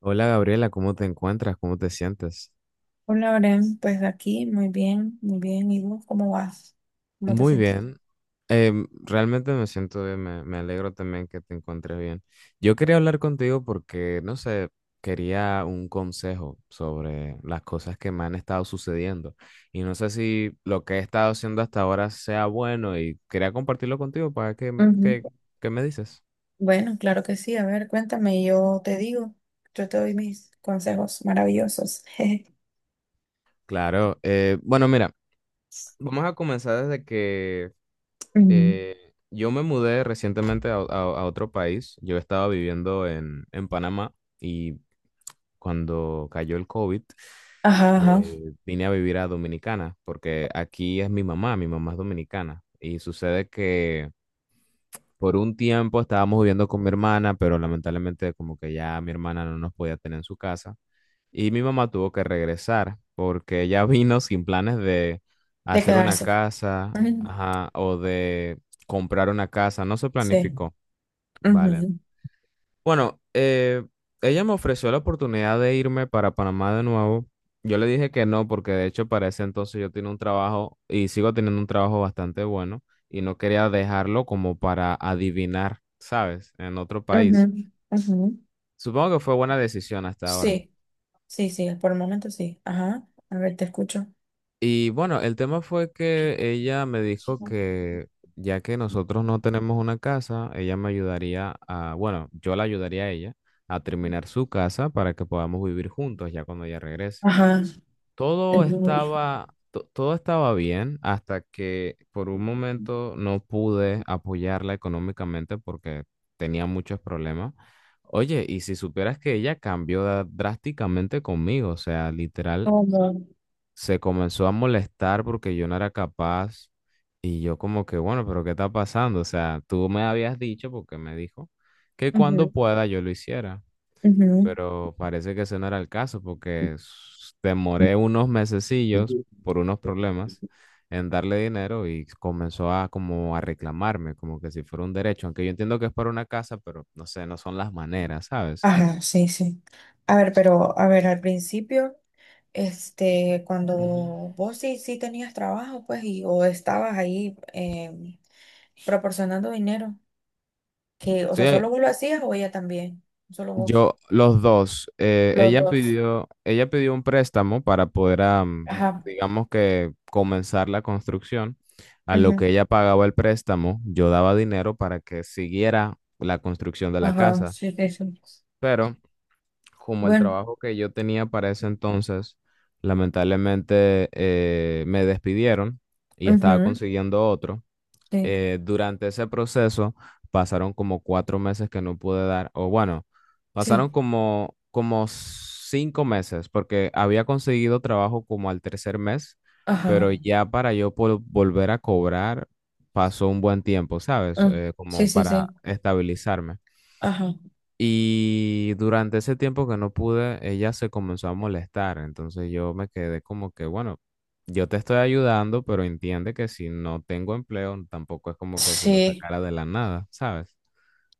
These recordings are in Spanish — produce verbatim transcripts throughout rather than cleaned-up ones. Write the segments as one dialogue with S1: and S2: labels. S1: Hola Gabriela, ¿cómo te encuentras? ¿Cómo te sientes?
S2: Hola, Oren, pues aquí, muy bien, muy bien. ¿Y vos cómo vas? ¿Cómo te
S1: Muy
S2: sentís?
S1: bien. Em, realmente me siento bien, me, me alegro también que te encuentres bien. Yo quería hablar contigo porque, no sé, quería un consejo sobre las cosas que me han estado sucediendo y no sé si lo que he estado haciendo hasta ahora sea bueno y quería compartirlo contigo para que,
S2: Ujú.
S1: que- ¿Qué me dices?
S2: Bueno, claro que sí. A ver, cuéntame, yo te digo, yo te doy mis consejos maravillosos.
S1: Claro, eh, bueno, mira, vamos a comenzar desde que
S2: Mm.
S1: Eh, yo me mudé recientemente a, a- a otro país. Yo estaba viviendo en, en Panamá y cuando cayó el COVID,
S2: Ajá, ajá,
S1: eh, vine a vivir a Dominicana porque aquí es mi mamá, mi mamá es dominicana. Y sucede que por un tiempo estábamos viviendo con mi hermana, pero lamentablemente como que ya mi hermana no nos podía tener en su casa. Y mi mamá tuvo que regresar porque ella vino sin planes de
S2: de
S1: hacer una
S2: quedarse.
S1: casa,
S2: Ujú.
S1: ajá, o de comprar una casa, no se
S2: Sí.
S1: planificó. Vale.
S2: Ujú,
S1: Bueno, eh, ella me ofreció la oportunidad de irme para Panamá de nuevo. Yo le dije que no, porque de hecho para ese entonces yo tenía un trabajo y sigo teniendo un trabajo bastante bueno y no quería dejarlo como para adivinar, ¿sabes? En otro
S2: ujú,
S1: país.
S2: ujú.
S1: Supongo que fue buena decisión hasta ahora.
S2: Sí, sí, sí, por el momento sí. Ajá, a ver, te escucho.
S1: Y bueno, el tema fue que ella me dijo que ya que nosotros no tenemos una casa, ella me ayudaría a, bueno, yo la ayudaría a ella a terminar su casa para que podamos vivir juntos ya cuando ella regrese.
S2: Ajá,
S1: Todo
S2: ujú,
S1: estaba, to- todo estaba bien hasta que por un momento no pude apoyarla económicamente porque tenía muchos problemas. Oye, y si supieras que ella cambió da- drásticamente conmigo, o sea, literal,
S2: como,
S1: se comenzó a molestar porque yo no era capaz y yo como que, bueno, pero ¿qué está pasando? O sea, tú me habías dicho, porque me dijo, que
S2: ujú,
S1: cuando pueda yo lo hiciera, pero parece que ese no era el caso porque s- demoré unos mesecillos
S2: ujú.
S1: por unos problemas en darle dinero y comenzó a como a reclamarme, como que si fuera un derecho, aunque yo entiendo que es para una casa, pero no sé, no son las maneras, ¿sabes?
S2: Ajá, sí, sí. A ver, pero a ver, al principio, este, cuando
S1: Ujú.
S2: vos sí, sí tenías trabajo, pues, y o estabas ahí em, proporcionando dinero, que, o
S1: Sí,
S2: sea, ¿solo vos lo hacías o ella también? Solo vos.
S1: yo, los dos, eh,
S2: Los
S1: ella
S2: dos.
S1: pidió, ella pidió un préstamo para poder, am,
S2: Ajá.
S1: digamos que, comenzar la construcción. A lo que
S2: Ujú.
S1: ella pagaba el préstamo, yo daba dinero para que siguiera la construcción de la
S2: Ajá,
S1: casa.
S2: sí, sí, sí.
S1: Pero como el
S2: Bueno,
S1: trabajo que yo tenía para ese entonces, lamentablemente eh, me despidieron y estaba
S2: ujú,
S1: consiguiendo otro
S2: sí,
S1: eh, durante ese proceso pasaron como cuatro meses que no pude dar, o bueno,
S2: sí.
S1: pasaron como, como cinco meses, porque había conseguido trabajo como al tercer mes,
S2: Ajá.
S1: pero ya para yo po- volver a cobrar pasó un buen tiempo, ¿sabes?
S2: mm,
S1: Eh,
S2: sí,
S1: como
S2: sí,
S1: para
S2: sí.
S1: estabilizarme.
S2: Ajá.
S1: Y durante ese tiempo que no pude, ella se comenzó a molestar. Entonces yo me quedé como que, bueno, yo te estoy ayudando, pero entiende que si no tengo empleo, tampoco es como que si lo
S2: Sí,
S1: sacara de la nada, ¿sabes?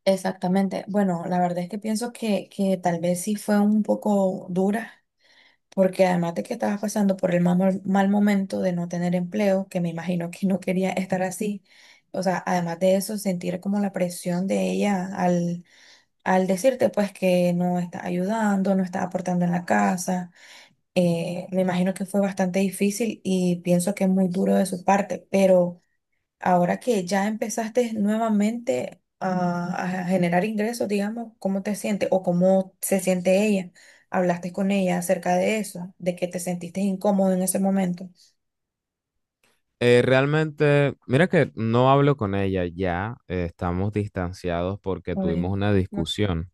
S2: exactamente. Bueno, la verdad es que pienso que, que tal vez sí fue un poco dura. Porque además de que estabas pasando por el mal, mal momento de no tener empleo, que me imagino que no quería estar así, o sea, además de eso, sentir como la presión de ella al, al decirte pues que no está ayudando, no está aportando en la casa, eh, me imagino que fue bastante difícil y pienso que es muy duro de su parte, pero... Ahora que ya empezaste nuevamente a, a generar ingresos, digamos, ¿cómo te sientes o cómo se siente ella? ¿Hablaste con ella acerca de eso, de que te sentiste incómodo en ese momento?
S1: Eh, realmente, mira que no hablo con ella ya, eh, estamos distanciados porque
S2: Ay,
S1: tuvimos una
S2: no.
S1: discusión.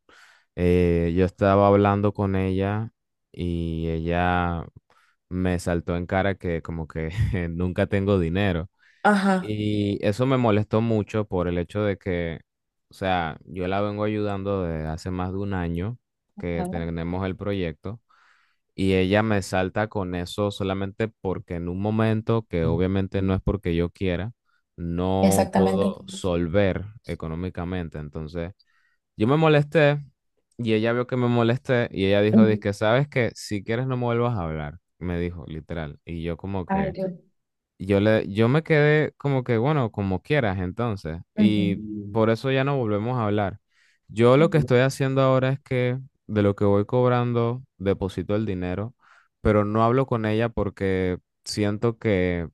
S1: Eh, yo estaba hablando con ella y ella me saltó en cara que como que nunca tengo dinero.
S2: Ajá.
S1: Y eso me molestó mucho por el hecho de que, o sea, yo la vengo ayudando desde hace más de un año que
S2: Ah,
S1: tenemos el proyecto y ella me salta con eso solamente porque en un momento que obviamente no es porque yo quiera, no
S2: exactamente.
S1: puedo solver económicamente. Entonces, yo me molesté y ella vio que me molesté y ella dijo,
S2: Ujú.
S1: que ¿sabes que Si quieres no me vuelvas a hablar, me dijo, literal. Y yo como
S2: Ay,
S1: que...
S2: Dios.
S1: Yo le, yo me quedé como que, bueno, como quieras entonces. Y
S2: Ujú.
S1: por eso ya no volvemos a hablar. Yo lo que estoy haciendo ahora es que de lo que voy cobrando, deposito el dinero, pero no hablo con ella porque siento que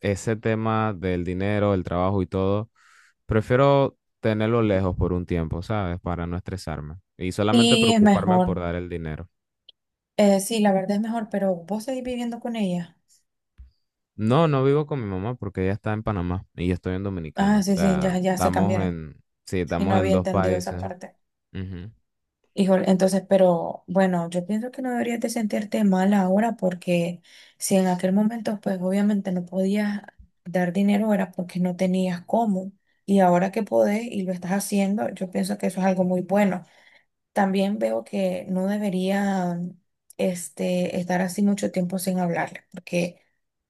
S1: ese tema del dinero, el trabajo y todo, prefiero tenerlo lejos por un tiempo, ¿sabes? Para no estresarme y solamente
S2: Sí, es
S1: preocuparme
S2: mejor.
S1: por dar el dinero.
S2: Eh, sí, la verdad es mejor, pero vos seguís viviendo con ella.
S1: No, no vivo con mi mamá porque ella está en Panamá y yo estoy en Dominicana.
S2: Ah,
S1: O
S2: sí, sí,
S1: sea,
S2: ya, ya se
S1: estamos
S2: cambiaron.
S1: en, sí,
S2: Sí, no
S1: estamos en
S2: había
S1: dos
S2: entendido esa
S1: países.
S2: parte.
S1: Ujú.
S2: Híjole, entonces, pero bueno, yo pienso que no deberías de sentirte mal ahora porque si en aquel momento, pues obviamente no podías dar dinero era porque no tenías cómo. Y ahora que podés y lo estás haciendo, yo pienso que eso es algo muy bueno. También veo que no debería este, estar así mucho tiempo sin hablarle, porque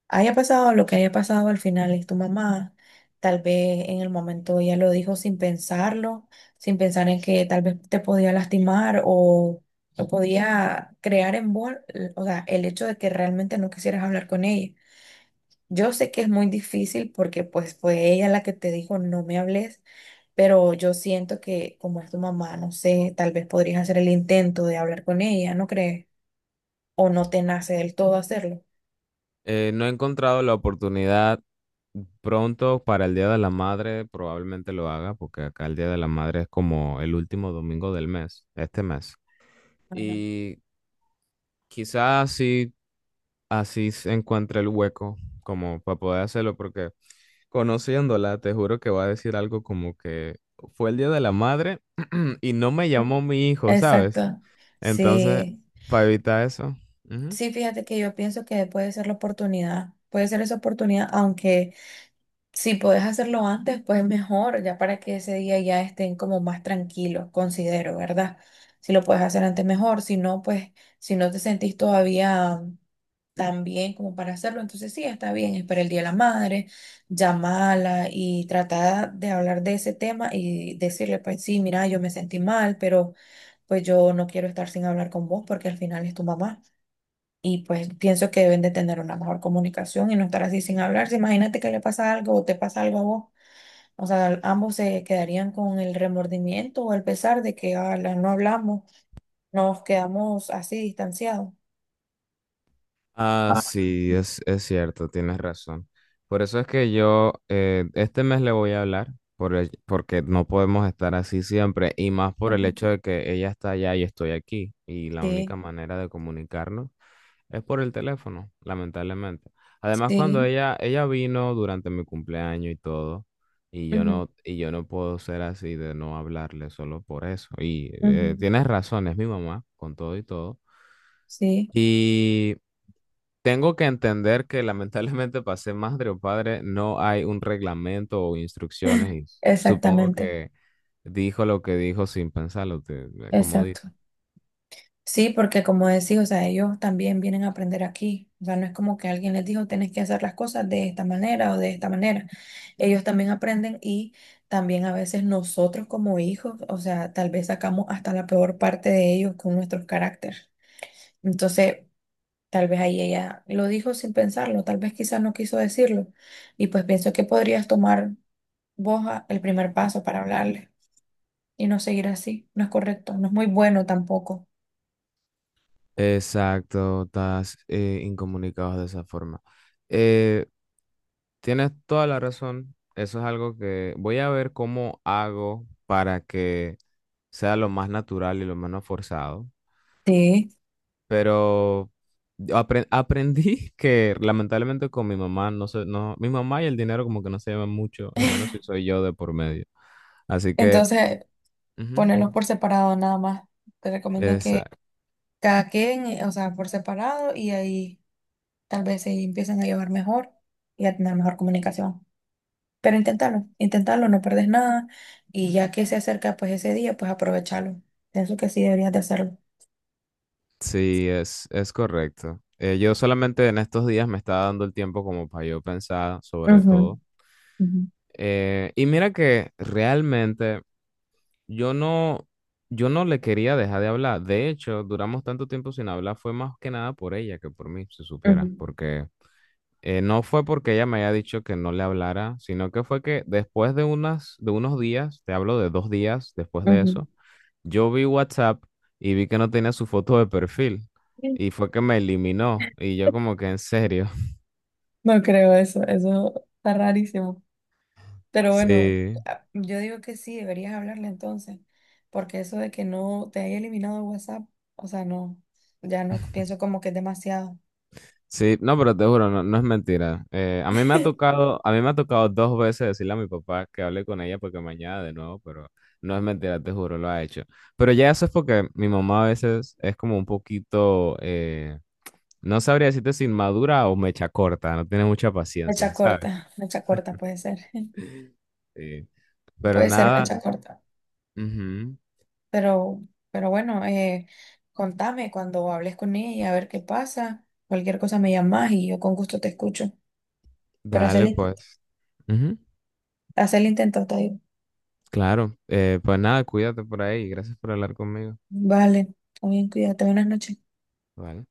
S2: haya pasado lo que haya pasado, al final es tu mamá. Tal vez en el momento ella lo dijo sin pensarlo, sin pensar en que tal vez te podía lastimar o, o podía crear en vos, o sea, el hecho de que realmente no quisieras hablar con ella. Yo sé que es muy difícil porque pues fue ella la que te dijo no me hables, pero yo siento que como es tu mamá, no sé, tal vez podrías hacer el intento de hablar con ella, ¿no crees? O no te nace del todo hacerlo.
S1: Eh, no he encontrado la oportunidad pronto para el Día de la Madre, probablemente lo haga porque acá el Día de la Madre es como el último domingo del mes, este mes. Y quizás así, así se encuentre el hueco como para poder hacerlo porque, conociéndola, te juro que va a decir algo como que fue el día de la madre y no me llamó mi hijo, ¿sabes?
S2: Exacto.
S1: Entonces,
S2: Sí,
S1: para evitar eso. Ujú.
S2: sí, fíjate que yo pienso que puede ser la oportunidad, puede ser esa oportunidad, aunque si puedes hacerlo antes, pues mejor, ya para que ese día ya estén como más tranquilos, considero, ¿verdad? Si lo puedes hacer antes, mejor, si no, pues si no te sentís todavía tan bien como para hacerlo, entonces sí, está bien, espera el Día de la Madre, llamala y trata de hablar de ese tema y decirle, pues sí, mira, yo me sentí mal, pero pues yo no quiero estar sin hablar con vos porque al final es tu mamá. Y pues pienso que deben de tener una mejor comunicación y no estar así sin hablarse. Imagínate que le pasa algo o te pasa algo a vos. O sea, ambos se quedarían con el remordimiento o el pesar de que "Ala, no hablamos, nos quedamos así distanciados".
S1: Ah, sí, es, es cierto, tienes razón. Por eso es que yo eh, este mes le voy a hablar, por el- porque no podemos estar así siempre, y más por el
S2: Ujú.
S1: hecho de que ella está allá y estoy aquí, y la
S2: Sí,
S1: única manera de comunicarnos es por el teléfono, lamentablemente. Además, cuando
S2: sí,
S1: ella, ella vino durante mi cumpleaños y todo, y yo
S2: ujú,
S1: no, y yo no puedo ser así de no hablarle solo por eso. Y
S2: ujú.
S1: eh, tienes razón, es mi mamá, con todo y todo.
S2: Sí,
S1: Tengo que entender que lamentablemente para ser madre o padre no hay un reglamento o instrucciones y supongo
S2: exactamente,
S1: que dijo lo que dijo sin pensarlo, te- eh, como dice.
S2: exacto. Sí, porque como decía, o sea, ellos también vienen a aprender aquí. O sea, no es como que alguien les dijo, tenés que hacer las cosas de esta manera o de esta manera. Ellos también aprenden y también a veces nosotros como hijos, o sea, tal vez sacamos hasta la peor parte de ellos con nuestros caracteres. Entonces, tal vez ahí ella lo dijo sin pensarlo, tal vez quizás no quiso decirlo. Y pues pienso que podrías tomar vos a- el primer paso para hablarle y no seguir así. No es correcto, no es muy bueno tampoco.
S1: Exacto, estás eh, incomunicado de esa forma. Eh, tienes toda la razón. Eso es algo que voy a ver cómo hago para que sea lo más natural y lo menos forzado.
S2: Sí.
S1: Pero apre- aprendí que lamentablemente con mi mamá no sé, no, mi mamá y el dinero como que no se llevan mucho, y menos si soy yo de por medio. Así que,
S2: Entonces,
S1: ujú,
S2: ponerlos por separado nada más. Te recomiendo que
S1: esa-
S2: cada queden, eh, o sea, por separado y ahí tal vez se empiezan a llevar mejor y a tener mejor comunicación. Pero inténtalo, inténtalo, no perdés nada y ya que se acerca pues ese día, pues aprovechalo. Pienso que sí deberías de hacerlo.
S1: sí, es, es correcto. Eh, yo solamente en estos días me estaba dando el tiempo como para yo pensar sobre
S2: Ujú,
S1: todo.
S2: ujú,
S1: Eh, y mira que realmente yo no, yo no le quería dejar de hablar. De hecho, duramos tanto tiempo sin hablar, fue más que nada por ella que por mí, si supiera, porque Eh, no fue porque ella me haya dicho que no le hablara, sino que fue que después de unas, de unos días, te hablo de dos días después de
S2: ujú,
S1: eso, yo vi WhatsApp y vi que no tenía su foto de perfil
S2: ujú.
S1: y fue que me eliminó y yo como que en serio.
S2: No creo eso, eso está rarísimo. Pero bueno,
S1: Sí,
S2: a- yo digo que sí, deberías hablarle entonces, porque eso de que no te haya eliminado WhatsApp, o sea, no, ya no pienso como que es demasiado.
S1: sí, no, pero te juro, no, no es mentira. Eh, a mí me ha tocado, a mí me ha tocado dos veces decirle a mi papá que hable con ella porque mañana de nuevo, pero no es mentira, te juro, lo ha hecho. Pero ya eso es porque mi mamá a veces es como un poquito... eh, no sabría decirte si inmadura o mecha corta, no tiene mucha paciencia,
S2: Mecha
S1: ¿sabes?
S2: corta, mecha corta puede ser,
S1: Sí. Pero
S2: puede ser
S1: nada,
S2: mecha corta.
S1: ujú,
S2: Pero, pero bueno, eh, contame cuando hables con ella, a ver qué pasa. Cualquier cosa me llamas y yo con gusto te escucho. Pero haz el
S1: dale
S2: intento,
S1: pues. Ujú,
S2: haz el intento, te digo.
S1: claro, Eh, pues nada, cuídate por ahí, gracias por hablar conmigo.
S2: Vale, está bien, cuídate, buenas noches.
S1: Vale.